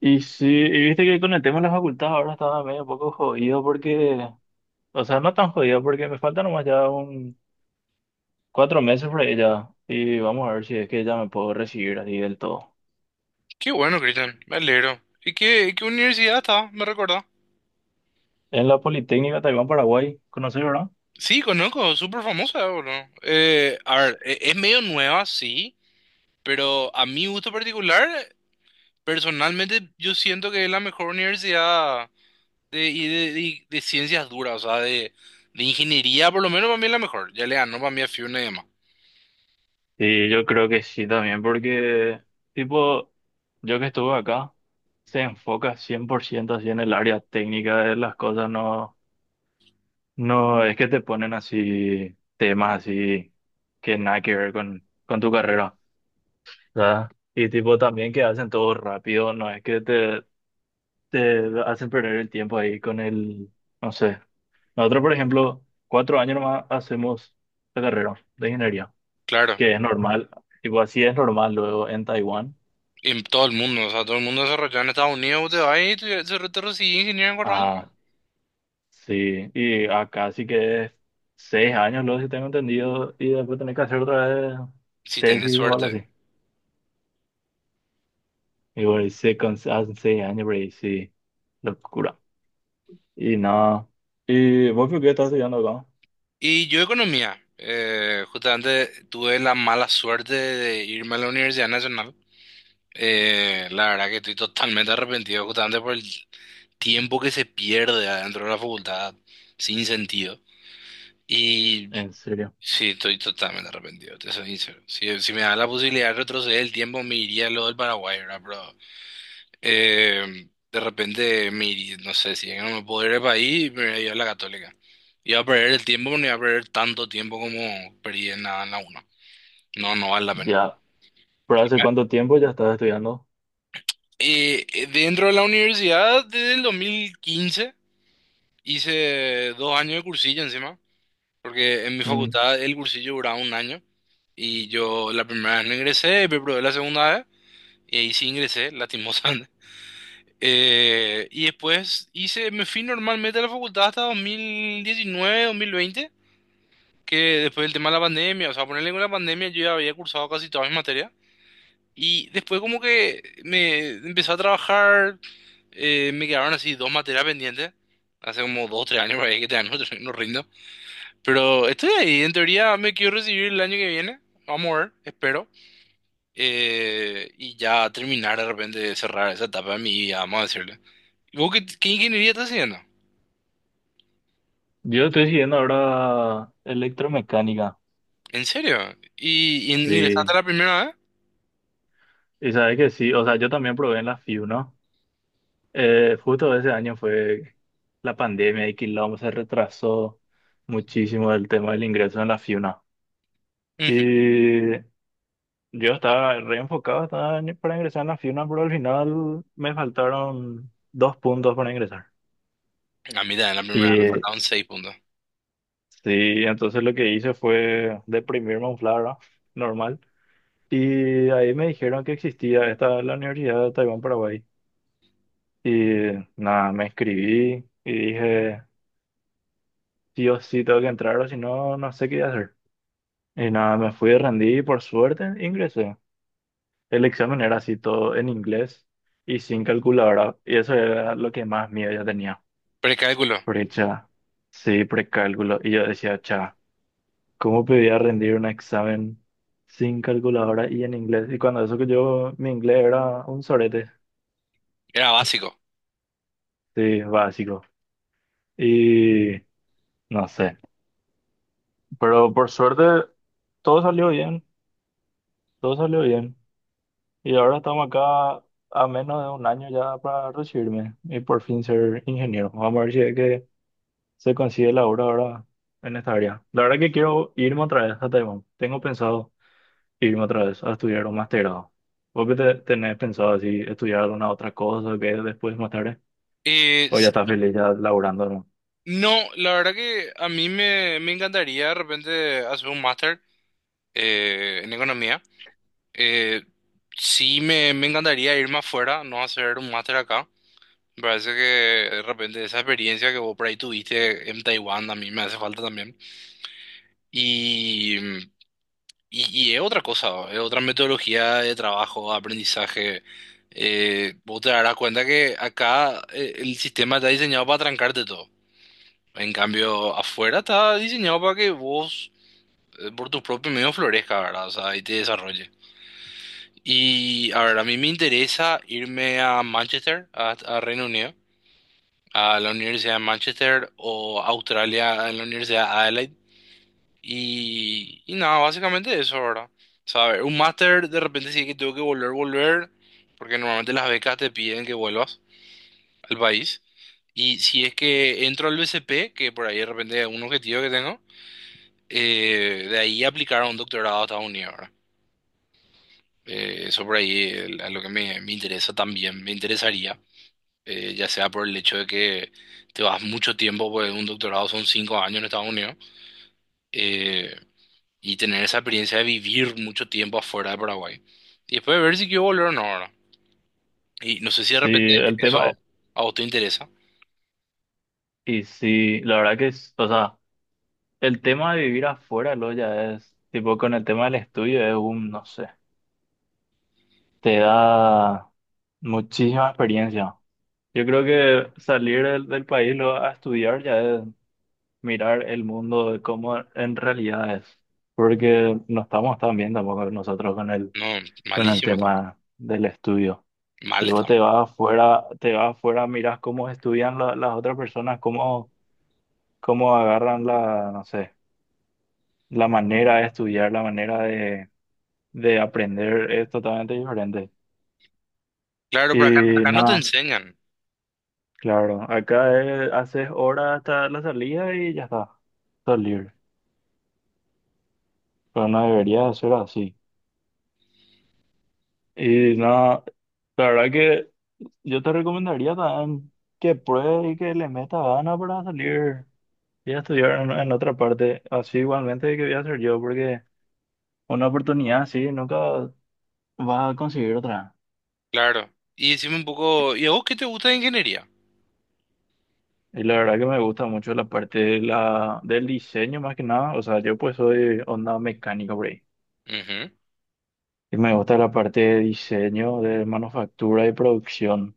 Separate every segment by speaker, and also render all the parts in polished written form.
Speaker 1: Y sí, y viste que con el tema de la facultad ahora estaba medio poco jodido porque, o sea, no tan jodido porque me faltan nomás ya un 4 meses por ahí ya. Y vamos a ver si es que ya me puedo recibir así del todo.
Speaker 2: Qué bueno, Cristian, me alegro. ¿Y qué universidad está? ¿Me recuerda?
Speaker 1: En la Politécnica Taiván Paraguay, ¿conoces, verdad?
Speaker 2: Sí, conozco, súper famosa, boludo. Es medio nueva, sí, pero a mi gusto particular, personalmente yo siento que es la mejor universidad de ciencias duras, o sea, de ingeniería, por lo menos para mí es la mejor. Ya le ganó para mí a FIUNA y demás.
Speaker 1: Sí, yo creo que sí también porque, tipo, yo que estuve acá, se enfoca 100% así en el área técnica de las cosas, no, no es que te ponen así temas así que nada que ver con tu carrera. ¿Verdad? Y tipo también que hacen todo rápido, no es que te hacen perder el tiempo ahí con el, no sé. Nosotros, por ejemplo, 4 años nomás hacemos la carrera de ingeniería,
Speaker 2: Claro,
Speaker 1: que es normal, tipo así es normal luego en Taiwán.
Speaker 2: en todo el mundo, o sea, todo el mundo desarrollado en Estados Unidos, te vas y te recibís ingeniero en Corral,
Speaker 1: Ah, sí, y acá sí que es 6 años luego, si tengo entendido, y después tenés que hacer otra vez
Speaker 2: si tenés
Speaker 1: tesis o algo
Speaker 2: suerte.
Speaker 1: así. Y bueno, y hacen 6 años, pero ahí sí, locura. Y nada. ¿Y vos por qué estás estudiando acá?
Speaker 2: Y yo economía. Justamente tuve la mala suerte de irme a la Universidad Nacional. La verdad que estoy totalmente arrepentido justamente por el tiempo que se pierde adentro de la facultad sin sentido. Y
Speaker 1: En serio.
Speaker 2: sí, estoy totalmente arrepentido, te soy sincero. Si me da la posibilidad de retroceder el tiempo, me iría a lo del Paraguay, ¿verdad? De repente, mi, no sé, si no me puedo ir del país, me voy a ir a la Católica. Iba a perder el tiempo, no iba a perder tanto tiempo como perdí en la UNA. No, no vale la pena.
Speaker 1: Ya. ¿Por hace cuánto tiempo ya estás estudiando?
Speaker 2: Dentro de la universidad, desde el 2015, hice dos años de cursillo encima, porque en mi
Speaker 1: Mm.
Speaker 2: facultad el cursillo duraba un año. Y yo la primera vez no ingresé, me probé la segunda vez, y ahí sí ingresé, lastimosamente. Y después hice, me fui normalmente a la facultad hasta 2019, 2020, que después del tema de la pandemia, o sea, ponerle con la pandemia yo ya había cursado casi todas mis materias. Y después como que me empecé a trabajar, me quedaron así dos materias pendientes, hace como dos, tres años por ahí que todavía no rindo. Pero estoy ahí, en teoría me quiero recibir el año que viene, vamos a ver, espero. Y ya terminar de repente de cerrar esa etapa de mi vida, vamos a decirle. ¿Vos qué ingeniería estás haciendo?
Speaker 1: Yo estoy siguiendo ahora electromecánica.
Speaker 2: ¿En serio? Y
Speaker 1: Sí.
Speaker 2: ingresaste la primera vez?
Speaker 1: Y sabes que sí. O sea, yo también probé en la FIU, ¿no? Justo ese año fue la pandemia y quilombo se retrasó muchísimo el tema del ingreso en la FIUNA.
Speaker 2: Ujú.
Speaker 1: Y yo estaba re enfocado para ingresar en la FIUNA, pero al final me faltaron 2 puntos para ingresar.
Speaker 2: A mí también la primera vez me
Speaker 1: Y
Speaker 2: faltaban seis puntos.
Speaker 1: sí, entonces lo que hice fue deprimirme un flara normal. Y ahí me dijeron que existía esta la Universidad de Taibán Paraguay. Y nada, me inscribí y dije, sí o sí tengo que entrar o si no, no sé qué hacer. Y nada, me fui, rendí y por suerte ingresé. El examen era así todo en inglés y sin calculadora. Y eso era lo que más miedo yo tenía.
Speaker 2: Precálculo,
Speaker 1: Precha, sí, precálculo. Y yo decía, cha. ¿Cómo podía rendir un examen sin calculadora y en inglés? Y cuando eso que yo, mi inglés era un sorete,
Speaker 2: era básico.
Speaker 1: sí, básico. Y no sé, pero por suerte todo salió bien, todo salió bien. Y ahora estamos acá a menos de un año ya para recibirme y por fin ser ingeniero. Vamos a ver si es que se consigue la obra ahora en esta área. La verdad que quiero irme otra vez a Taiwán, tengo pensado, irme otra vez a estudiar un masterado. ¿Vos qué tenés pensado así estudiar alguna otra cosa que después más tarde? ¿O ya estás
Speaker 2: Sí,
Speaker 1: feliz ya laburando, no?
Speaker 2: no, la verdad que a mí me encantaría de repente hacer un máster en economía. Eh, sí, me encantaría irme afuera, no hacer un máster acá. Me parece que de repente esa experiencia que vos por ahí tuviste en Taiwán a mí me hace falta también. Y mm, y es otra cosa, es otra metodología de trabajo, aprendizaje. Vos te darás cuenta que acá el sistema está diseñado para trancarte todo. En cambio, afuera está diseñado para que vos, por tus propios medios, florezca, ¿verdad? O sea, y te desarrolles. Y a ver, a mí me interesa irme a Manchester, a Reino Unido, a la Universidad de Manchester o Australia, en la Universidad de Adelaide. Y nada, básicamente eso, ¿verdad? O sea, a ver, un máster de repente sí que tengo que volver, porque normalmente las becas te piden que vuelvas al país. Y si es que entro al BCP, que por ahí de repente es un objetivo que tengo, de ahí aplicar a un doctorado a Estados Unidos, ¿verdad? Eso por ahí es a lo que me interesa también, me interesaría, ya sea por el hecho de que te vas mucho tiempo, pues un doctorado son cinco años en Estados Unidos. Eh, y tener esa experiencia de vivir mucho tiempo afuera de Paraguay. Y después de ver si quiero volver o no ahora. Y no sé si de
Speaker 1: Sí,
Speaker 2: repente
Speaker 1: el tema,
Speaker 2: eso a vos te interesa.
Speaker 1: y sí, la verdad que es, o sea, el tema de vivir afuera, lo ya es, tipo, con el tema del estudio es un, no sé, te da muchísima experiencia. Yo creo que salir del país lo, a estudiar ya es mirar el mundo de cómo en realidad es, porque no estamos tan bien tampoco nosotros con el
Speaker 2: No,
Speaker 1: con el
Speaker 2: malísimo también.
Speaker 1: tema del estudio.
Speaker 2: Mal
Speaker 1: Y vos
Speaker 2: estamos.
Speaker 1: te vas afuera, miras cómo estudian las otras personas, cómo agarran la, no sé, la manera de estudiar, la manera de aprender es totalmente diferente.
Speaker 2: Claro, pero
Speaker 1: Y
Speaker 2: acá no te
Speaker 1: nada,
Speaker 2: enseñan.
Speaker 1: claro, acá haces horas hasta la salida y ya está, estás libre. Pero no debería de ser así. Y nada, la verdad que yo te recomendaría también que pruebes y que le metas ganas para salir. Voy a estudiar en otra parte, así igualmente que voy a hacer yo, porque una oportunidad así nunca vas a conseguir otra.
Speaker 2: Claro. Y decime un poco, ¿y a vos qué te gusta de ingeniería?
Speaker 1: Y la verdad que me gusta mucho la parte de del diseño más que nada, o sea, yo pues soy onda mecánica por ahí.
Speaker 2: Ujú.
Speaker 1: Y me gusta la parte de diseño, de manufactura y producción,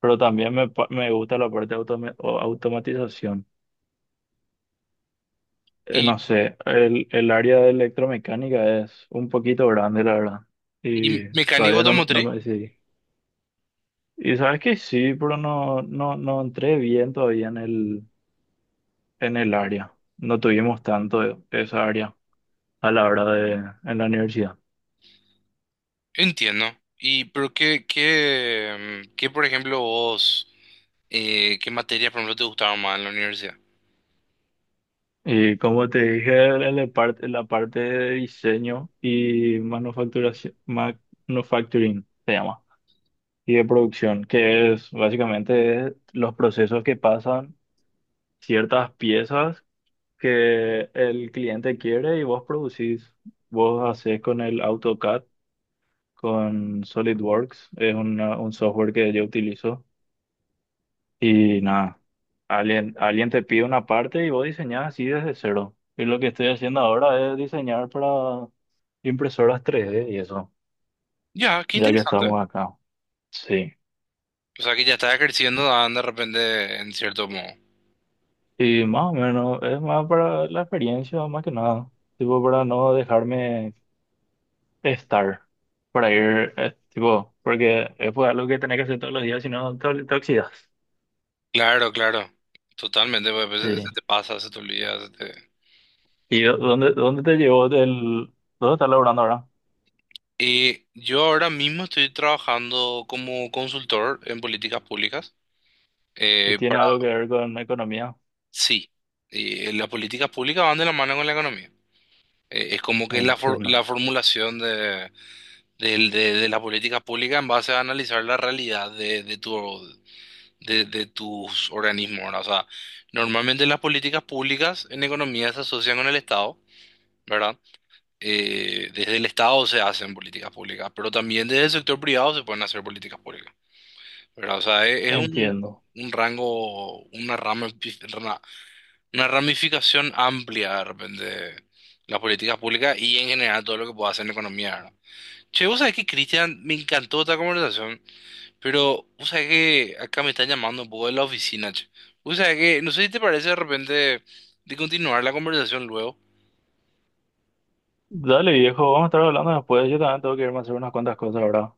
Speaker 1: pero también me gusta la parte de automa- o automatización.
Speaker 2: ¿Y,
Speaker 1: No sé, el área de electromecánica es un poquito grande, la verdad,
Speaker 2: y
Speaker 1: y
Speaker 2: mecánico
Speaker 1: todavía no, no
Speaker 2: automotriz?
Speaker 1: me decidí. Y sabes que sí, pero no, no, no entré bien todavía en el área. No tuvimos tanto esa área a la hora en la universidad.
Speaker 2: Entiendo. ¿Y pero qué, por ejemplo, vos, qué materias, por ejemplo, te gustaban más en la universidad?
Speaker 1: Y como te dije, en la parte de diseño y manufacturación, manufacturing se llama, y de producción, que es básicamente los procesos que pasan ciertas piezas que el cliente quiere y vos producís, vos haces con el AutoCAD con SolidWorks. Es un software que yo utilizo. Y nada, alguien te pide una parte y vos diseñás así desde cero. Y lo que estoy haciendo ahora es diseñar para impresoras 3D y eso,
Speaker 2: Ya, qué
Speaker 1: ya que
Speaker 2: interesante.
Speaker 1: estamos acá. Sí.
Speaker 2: O sea, que ya estás creciendo, ah, de repente, en cierto modo.
Speaker 1: Y más o menos, es más para la experiencia, más que nada. Tipo, para no dejarme estar. Para ir, tipo, porque es pues, algo que tenés que hacer todos los días, si no te oxidas.
Speaker 2: Claro, claro, totalmente, pues, a veces se
Speaker 1: Sí.
Speaker 2: te pasa, se te olvida. Se te-
Speaker 1: ¿Y dónde te llevó el...? ¿Dónde estás laburando ahora?
Speaker 2: Y yo ahora mismo estoy trabajando como consultor en políticas públicas.
Speaker 1: Si tiene
Speaker 2: Para...
Speaker 1: algo que ver con la economía.
Speaker 2: Sí, y las políticas públicas van de la mano con la economía. Es como que
Speaker 1: Entiendo,
Speaker 2: la formulación de las políticas públicas en base a analizar la realidad de tus organismos, ¿verdad? O sea, normalmente las políticas públicas en economía se asocian con el Estado. ¿Verdad? Desde el Estado se hacen políticas públicas, pero también desde el sector privado se pueden hacer políticas públicas, ¿verdad? O sea, es,
Speaker 1: entiendo.
Speaker 2: un rango, una rama, una, una ramificación amplia de repente las políticas públicas y en general todo lo que pueda hacer en economía, ¿verdad? Che, vos sabés que, Cristian, me encantó esta conversación, pero vos sabés que acá me están llamando un poco de la oficina, che. Vos sabés que, no sé si te parece de repente de continuar la conversación luego.
Speaker 1: Dale, viejo, vamos a estar hablando después. Yo también tengo que irme a hacer unas cuantas cosas ahora.